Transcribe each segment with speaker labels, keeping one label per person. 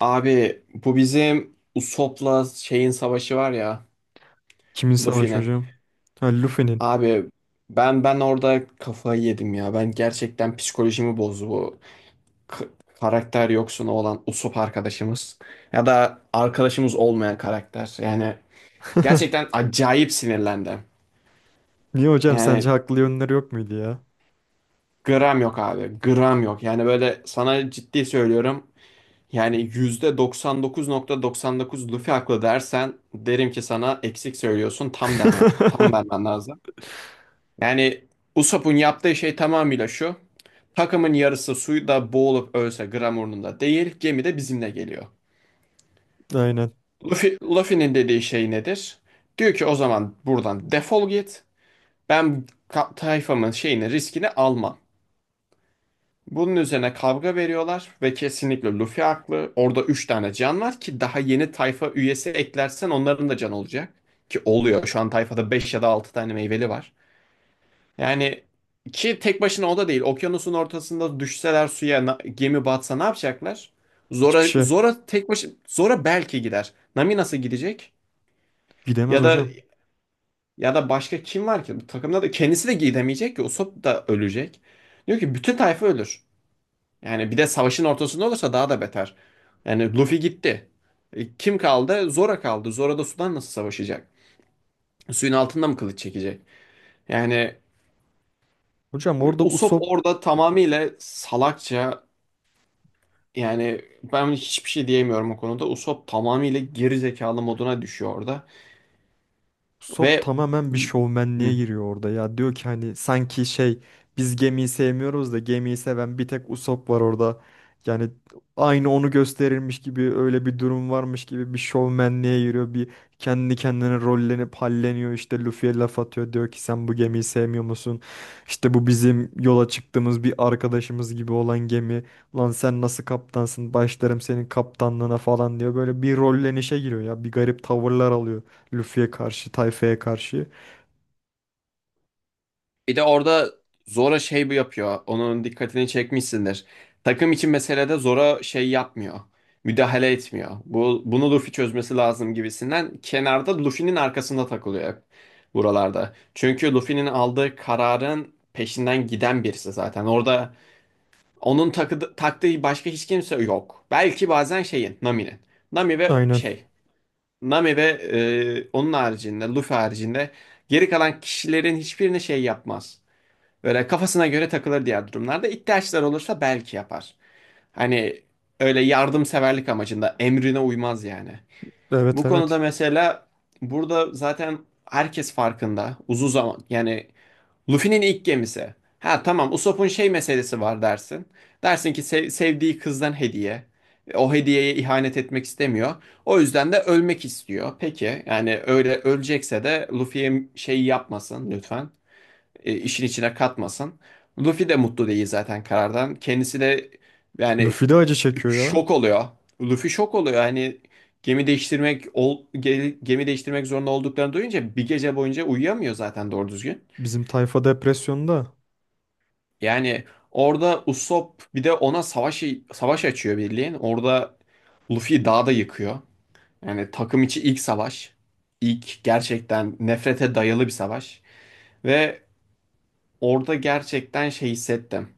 Speaker 1: Abi bu bizim Usopp'la şeyin savaşı var ya
Speaker 2: Kimin savaşı
Speaker 1: Luffy'nin.
Speaker 2: hocam? Ha, Luffy'nin.
Speaker 1: Abi ben orada kafayı yedim ya. Ben gerçekten psikolojimi bozdu bu k- karakter yoksunu olan Usopp arkadaşımız. Ya da arkadaşımız olmayan karakter. Yani gerçekten acayip sinirlendim.
Speaker 2: Niye hocam sence
Speaker 1: Yani
Speaker 2: haklı yönleri yok muydu ya?
Speaker 1: gram yok abi. Gram yok. Yani böyle sana ciddi söylüyorum. Yani %99,99 Luffy haklı dersen derim ki sana eksik söylüyorsun tam deme. Tam vermen lazım. Yani Usopp'un yaptığı şey tamamıyla şu. Takımın yarısı suyda boğulup ölse gram umurunda değil, gemi de bizimle geliyor.
Speaker 2: Aynen.
Speaker 1: Luffy'nin dediği şey nedir? Diyor ki o zaman buradan defol git. Ben tayfamın şeyini, riskini almam. Bunun üzerine kavga veriyorlar ve kesinlikle Luffy haklı. Orada 3 tane can var ki daha yeni tayfa üyesi eklersen onların da can olacak. Ki oluyor. Şu an tayfada 5 ya da 6 tane meyveli var. Yani ki tek başına o da değil. Okyanusun ortasında düşseler suya gemi batsa ne yapacaklar?
Speaker 2: Hiçbir
Speaker 1: Zora
Speaker 2: şey.
Speaker 1: Zora tek başına, Zora belki gider. Nami nasıl gidecek?
Speaker 2: Gidemez
Speaker 1: Ya da
Speaker 2: hocam.
Speaker 1: başka kim var ki? Bu takımda da kendisi de gidemeyecek ki. Usopp da ölecek. Diyor ki bütün tayfa ölür. Yani bir de savaşın ortasında olursa daha da beter. Yani Luffy gitti. E, kim kaldı? Zora kaldı. Zora da sudan nasıl savaşacak? Suyun altında mı kılıç çekecek? Yani
Speaker 2: Hocam orada
Speaker 1: Usopp
Speaker 2: Usopp
Speaker 1: orada tamamıyla salakça, yani ben hiçbir şey diyemiyorum o konuda. Usopp tamamıyla geri zekalı moduna düşüyor orada.
Speaker 2: Sop
Speaker 1: Ve
Speaker 2: tamamen bir şovmenliğe
Speaker 1: Hı.
Speaker 2: giriyor orada ya. Diyor ki hani sanki şey biz gemiyi sevmiyoruz da gemiyi seven bir tek Usopp var orada. Yani aynı onu gösterilmiş gibi öyle bir durum varmış gibi bir şovmenliğe giriyor. Bir kendi kendine rollenip halleniyor işte Luffy'ye laf atıyor. Diyor ki sen bu gemiyi sevmiyor musun? İşte bu bizim yola çıktığımız bir arkadaşımız gibi olan gemi. Lan sen nasıl kaptansın? Başlarım senin kaptanlığına falan diyor. Böyle bir rollenişe giriyor ya. Bir garip tavırlar alıyor. Luffy'ye karşı, tayfaya karşı.
Speaker 1: Bir de orada Zora şey bu yapıyor. Onun dikkatini çekmişsindir. Takım için meselede Zora şey yapmıyor. Müdahale etmiyor. Bunu Luffy çözmesi lazım gibisinden kenarda Luffy'nin arkasında takılıyor hep buralarda. Çünkü Luffy'nin aldığı kararın peşinden giden birisi zaten. Orada onun taktığı başka hiç kimse yok. Belki bazen şeyin, Nami'nin. Nami ve
Speaker 2: Aynen.
Speaker 1: şey, Nami ve onun haricinde, Luffy haricinde geri kalan kişilerin hiçbirini şey yapmaz. Böyle kafasına göre takılır diğer durumlarda. İhtiyaçlar olursa belki yapar. Hani öyle yardımseverlik amacında emrine uymaz yani.
Speaker 2: Evet,
Speaker 1: Bu konuda
Speaker 2: evet.
Speaker 1: mesela burada zaten herkes farkında. Uzun zaman yani Luffy'nin ilk gemisi. Ha tamam, Usopp'un şey meselesi var dersin. Dersin ki sevdiği kızdan hediye. O hediyeye ihanet etmek istemiyor. O yüzden de ölmek istiyor. Peki yani öyle ölecekse de Luffy'ye şey yapmasın lütfen, işin içine katmasın. Luffy de mutlu değil zaten karardan. Kendisi de yani
Speaker 2: Luffy de acı çekiyor ya.
Speaker 1: şok oluyor. Luffy şok oluyor. Hani gemi değiştirmek zorunda olduklarını duyunca bir gece boyunca uyuyamıyor zaten doğru düzgün.
Speaker 2: Bizim tayfa depresyonda.
Speaker 1: Yani orada Usopp bir de ona savaş açıyor birliğin. Orada Luffy dağda yıkıyor. Yani takım içi ilk savaş. İlk gerçekten nefrete dayalı bir savaş. Ve orada gerçekten şey hissettim.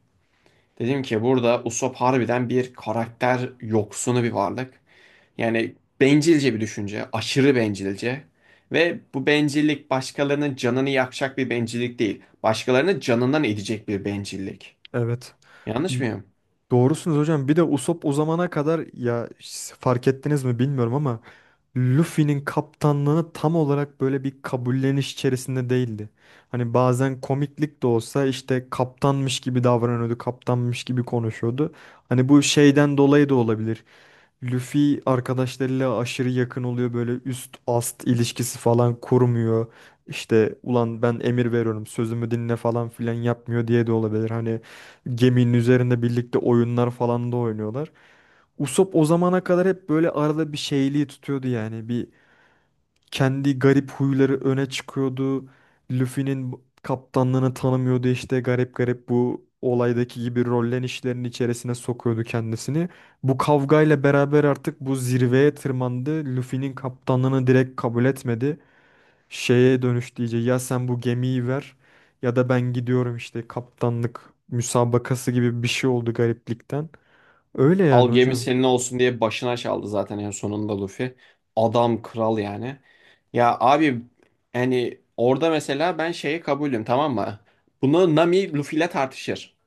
Speaker 1: Dedim ki burada Usopp harbiden bir karakter yoksunu bir varlık. Yani bencilce bir düşünce, aşırı bencilce. Ve bu bencillik başkalarının canını yakacak bir bencillik değil. Başkalarının canından edecek bir bencillik.
Speaker 2: Evet.
Speaker 1: Yanlış
Speaker 2: Y-
Speaker 1: mıyım?
Speaker 2: Doğrusunuz hocam. Bir de Usopp o zamana kadar ya fark ettiniz mi bilmiyorum ama Luffy'nin kaptanlığını tam olarak böyle bir kabulleniş içerisinde değildi. Hani bazen komiklik de olsa işte kaptanmış gibi davranıyordu, kaptanmış gibi konuşuyordu. Hani bu şeyden dolayı da olabilir. Luffy arkadaşlarıyla aşırı yakın oluyor böyle üst ast ilişkisi falan kurmuyor. İşte ulan ben emir veriyorum sözümü dinle falan filan yapmıyor diye de olabilir. Hani geminin üzerinde birlikte oyunlar falan da oynuyorlar. Usopp o zamana kadar hep böyle arada bir şeyliği tutuyordu yani. Bir kendi garip huyları öne çıkıyordu. Luffy'nin kaptanlığını tanımıyordu işte garip garip bu olaydaki gibi rollenişlerin içerisine sokuyordu kendisini. Bu kavgayla beraber artık bu zirveye tırmandı. Luffy'nin kaptanlığını direkt kabul etmedi. Şeye dönüştü iyice ya sen bu gemiyi ver ya da ben gidiyorum işte kaptanlık müsabakası gibi bir şey oldu gariplikten. Öyle yani
Speaker 1: Al gemi
Speaker 2: hocam.
Speaker 1: senin olsun diye başına çaldı zaten en sonunda Luffy. Adam kral yani. Ya abi, yani orada mesela ben şeye kabulüm, tamam mı? Bunu Nami Luffy ile tartışır.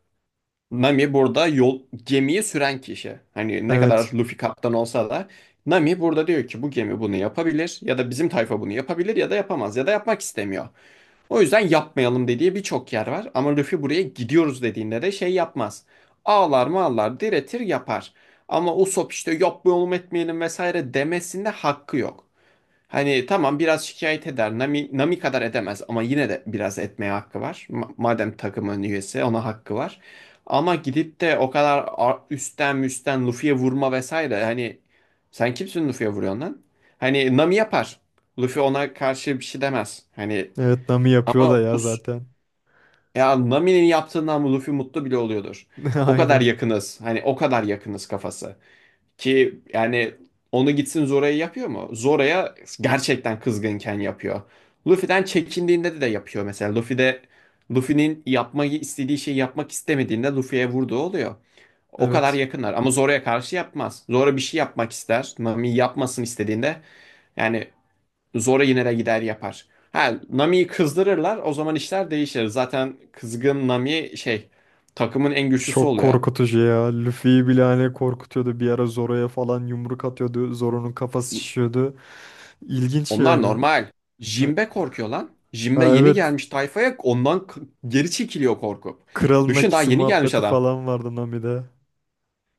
Speaker 1: Nami burada gemiyi süren kişi. Hani ne kadar
Speaker 2: Evet.
Speaker 1: Luffy kaptan olsa da Nami burada diyor ki bu gemi bunu yapabilir ya da bizim tayfa bunu yapabilir ya da yapamaz ya da yapmak istemiyor. O yüzden yapmayalım dediği birçok yer var ama Luffy buraya gidiyoruz dediğinde de şey yapmaz. Ağlar mağlar, diretir yapar. Ama Usopp işte yapmayalım etmeyelim vesaire demesinde hakkı yok. Hani tamam, biraz şikayet eder. Nami kadar edemez ama yine de biraz etmeye hakkı var. Madem takımın üyesi ona hakkı var. Ama gidip de o kadar üstten müstten Luffy'ye vurma vesaire. Hani sen kimsin Luffy'ye vuruyorsun lan? Hani Nami yapar. Luffy ona karşı bir şey demez. Hani
Speaker 2: Evet, Nami yapıyor
Speaker 1: ama
Speaker 2: da ya zaten.
Speaker 1: ya Nami'nin yaptığından Luffy mutlu bile oluyordur. O kadar
Speaker 2: Aynen.
Speaker 1: yakınız. Hani o kadar yakınız kafası. Ki yani onu gitsin Zora'ya yapıyor mu? Zora'ya gerçekten kızgınken yapıyor. Luffy'den çekindiğinde de yapıyor mesela. Luffy de Luffy'nin yapmayı istediği şeyi yapmak istemediğinde Luffy'ye vurduğu oluyor. O kadar
Speaker 2: Evet.
Speaker 1: yakınlar ama Zora'ya karşı yapmaz. Zora bir şey yapmak ister, Nami yapmasın istediğinde yani Zora yine de gider yapar. Ha Nami'yi kızdırırlar, o zaman işler değişir. Zaten kızgın Nami şey, takımın en güçlüsü
Speaker 2: Çok
Speaker 1: oluyor.
Speaker 2: korkutucu ya. Luffy'yi bile hani korkutuyordu. Bir ara Zoro'ya falan yumruk atıyordu. Zoro'nun kafası şişiyordu. İlginç
Speaker 1: Onlar
Speaker 2: yani.
Speaker 1: normal.
Speaker 2: Ha,
Speaker 1: Jimbe korkuyor lan. Jimbe
Speaker 2: ha,
Speaker 1: yeni
Speaker 2: evet.
Speaker 1: gelmiş tayfaya, ondan geri çekiliyor korkup.
Speaker 2: Kralın
Speaker 1: Düşün, daha
Speaker 2: Akisi
Speaker 1: yeni gelmiş
Speaker 2: muhabbeti
Speaker 1: adam.
Speaker 2: falan vardı Nami'de.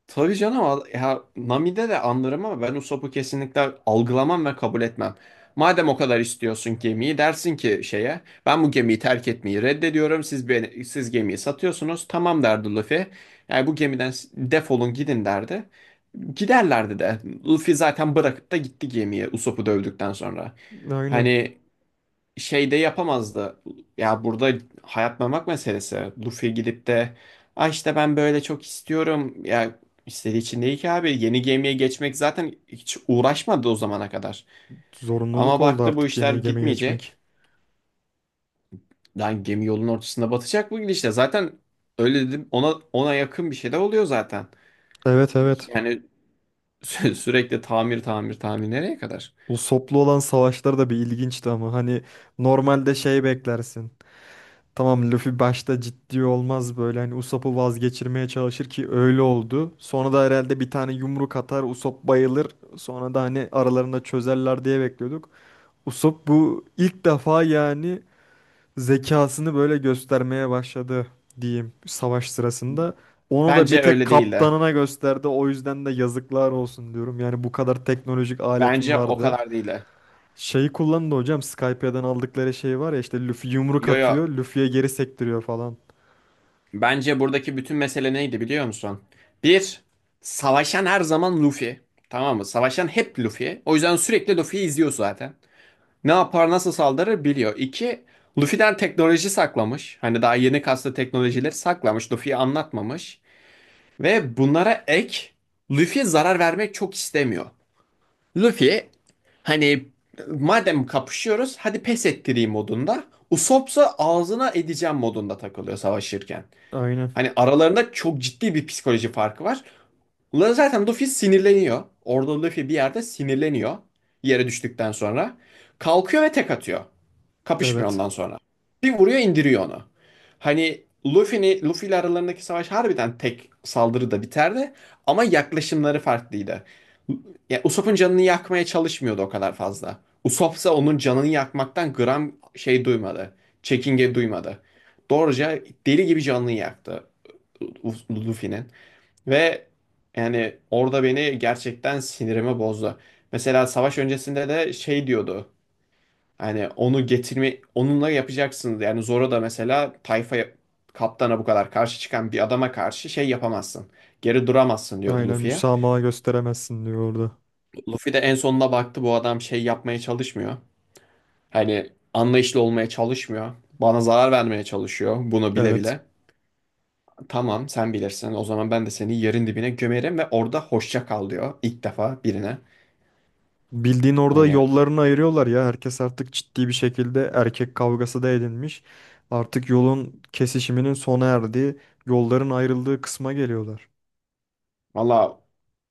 Speaker 1: Tabii canım, ya Nami'de de anlarım ama ben Usopp'u kesinlikle algılamam ve kabul etmem. Madem o kadar istiyorsun gemiyi, dersin ki şeye, ben bu gemiyi terk etmeyi reddediyorum, siz gemiyi satıyorsunuz, tamam derdi Luffy. Yani bu gemiden defolun gidin derdi. Giderlerdi de. Luffy zaten bırakıp da gitti gemiye, Usopp'u dövdükten sonra.
Speaker 2: Aynen.
Speaker 1: Hani şeyde yapamazdı. Ya burada hayat memak meselesi. Luffy gidip de ay işte ben böyle çok istiyorum. Ya istediği için değil ki abi. Yeni gemiye geçmek zaten hiç uğraşmadı o zamana kadar.
Speaker 2: Zorunluluk
Speaker 1: Ama
Speaker 2: oldu
Speaker 1: baktı bu
Speaker 2: artık
Speaker 1: işler
Speaker 2: yeni gemiye
Speaker 1: gitmeyecek.
Speaker 2: geçmek.
Speaker 1: Lan gemi yolun ortasında batacak bu gidişle. Zaten öyle dedim, ona yakın bir şey de oluyor zaten.
Speaker 2: Evet, evet.
Speaker 1: Yani sürekli tamir tamir tamir nereye kadar?
Speaker 2: Bu soplu olan savaşlar da bir ilginçti ama hani normalde şey beklersin. Tamam Luffy başta ciddi olmaz böyle hani Usopp'u vazgeçirmeye çalışır ki öyle oldu. Sonra da herhalde bir tane yumruk atar Usopp bayılır. Sonra da hani aralarında çözerler diye bekliyorduk. Usopp bu ilk defa yani zekasını böyle göstermeye başladı diyeyim savaş sırasında. Onu da bir
Speaker 1: Bence
Speaker 2: tek
Speaker 1: öyle değil de.
Speaker 2: kaptanına gösterdi. O yüzden de yazıklar olsun diyorum. Yani bu kadar teknolojik aletin
Speaker 1: Bence o
Speaker 2: vardı.
Speaker 1: kadar değil de.
Speaker 2: Şeyi kullandı hocam Skype'den aldıkları şey var ya işte Luffy yumruk
Speaker 1: Yo yo,
Speaker 2: atıyor. Luffy'ye geri sektiriyor falan.
Speaker 1: bence buradaki bütün mesele neydi biliyor musun? Bir, savaşan her zaman Luffy. Tamam mı? Savaşan hep Luffy. O yüzden sürekli Luffy'yi izliyor zaten. Ne yapar, nasıl saldırır biliyor. İki, Luffy'den teknoloji saklamış. Hani daha yeni kaslı teknolojileri saklamış. Luffy'yi anlatmamış. Ve bunlara ek, Luffy zarar vermek çok istemiyor. Luffy hani madem kapışıyoruz hadi pes ettireyim modunda. Usopp'sa ağzına edeceğim modunda takılıyor savaşırken.
Speaker 2: Aynen.
Speaker 1: Hani aralarında çok ciddi bir psikoloji farkı var. Ulan zaten Luffy sinirleniyor. Orada Luffy bir yerde sinirleniyor. Yere düştükten sonra. Kalkıyor ve tek atıyor. Kapışmıyor
Speaker 2: Evet.
Speaker 1: ondan sonra. Bir vuruyor, indiriyor onu. Hani Luffy ile aralarındaki savaş harbiden tek saldırıda biterdi. Ama yaklaşımları farklıydı. Ya Usopp'un canını yakmaya çalışmıyordu o kadar fazla. Usopp ise onun canını yakmaktan gram şey duymadı. Çekinge duymadı. Doğruca deli gibi canını yaktı. Luffy'nin. Ve yani orada beni gerçekten sinirimi bozdu. Mesela savaş öncesinde de şey diyordu. Hani onu getirme, onunla yapacaksınız. Yani Zoro da mesela tayfa, kaptana bu kadar karşı çıkan bir adama karşı şey yapamazsın. Geri duramazsın diyordu
Speaker 2: Aynen
Speaker 1: Luffy'ye.
Speaker 2: müsamaha gösteremezsin diyor orada.
Speaker 1: Luffy de en sonunda baktı bu adam şey yapmaya çalışmıyor. Hani anlayışlı olmaya çalışmıyor. Bana zarar vermeye çalışıyor bunu bile
Speaker 2: Evet.
Speaker 1: bile. Tamam sen bilirsin. O zaman ben de seni yerin dibine gömerim ve orada hoşça kal diyor ilk defa birine.
Speaker 2: Bildiğin orada
Speaker 1: Yani
Speaker 2: yollarını ayırıyorlar ya. Herkes artık ciddi bir şekilde erkek kavgası da edinmiş. Artık yolun kesişiminin sona erdiği, yolların ayrıldığı kısma geliyorlar.
Speaker 1: valla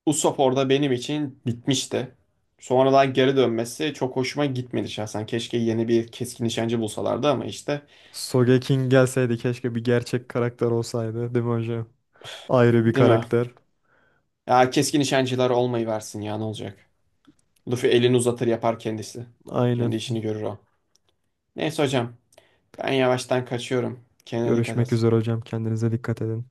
Speaker 1: Usopp orada benim için bitmişti. Sonradan geri dönmesi çok hoşuma gitmedi şahsen. Keşke yeni bir keskin nişancı bulsalardı ama işte,
Speaker 2: Sogeking gelseydi keşke bir gerçek karakter olsaydı, değil mi hocam? Ayrı bir
Speaker 1: değil mi?
Speaker 2: karakter.
Speaker 1: Ya keskin nişancılar olmayı versin ya, ne olacak? Luffy elini uzatır yapar kendisi.
Speaker 2: Aynen.
Speaker 1: Kendi işini görür o. Neyse hocam, ben yavaştan kaçıyorum. Kendine dikkat
Speaker 2: Görüşmek
Speaker 1: et.
Speaker 2: üzere hocam. Kendinize dikkat edin.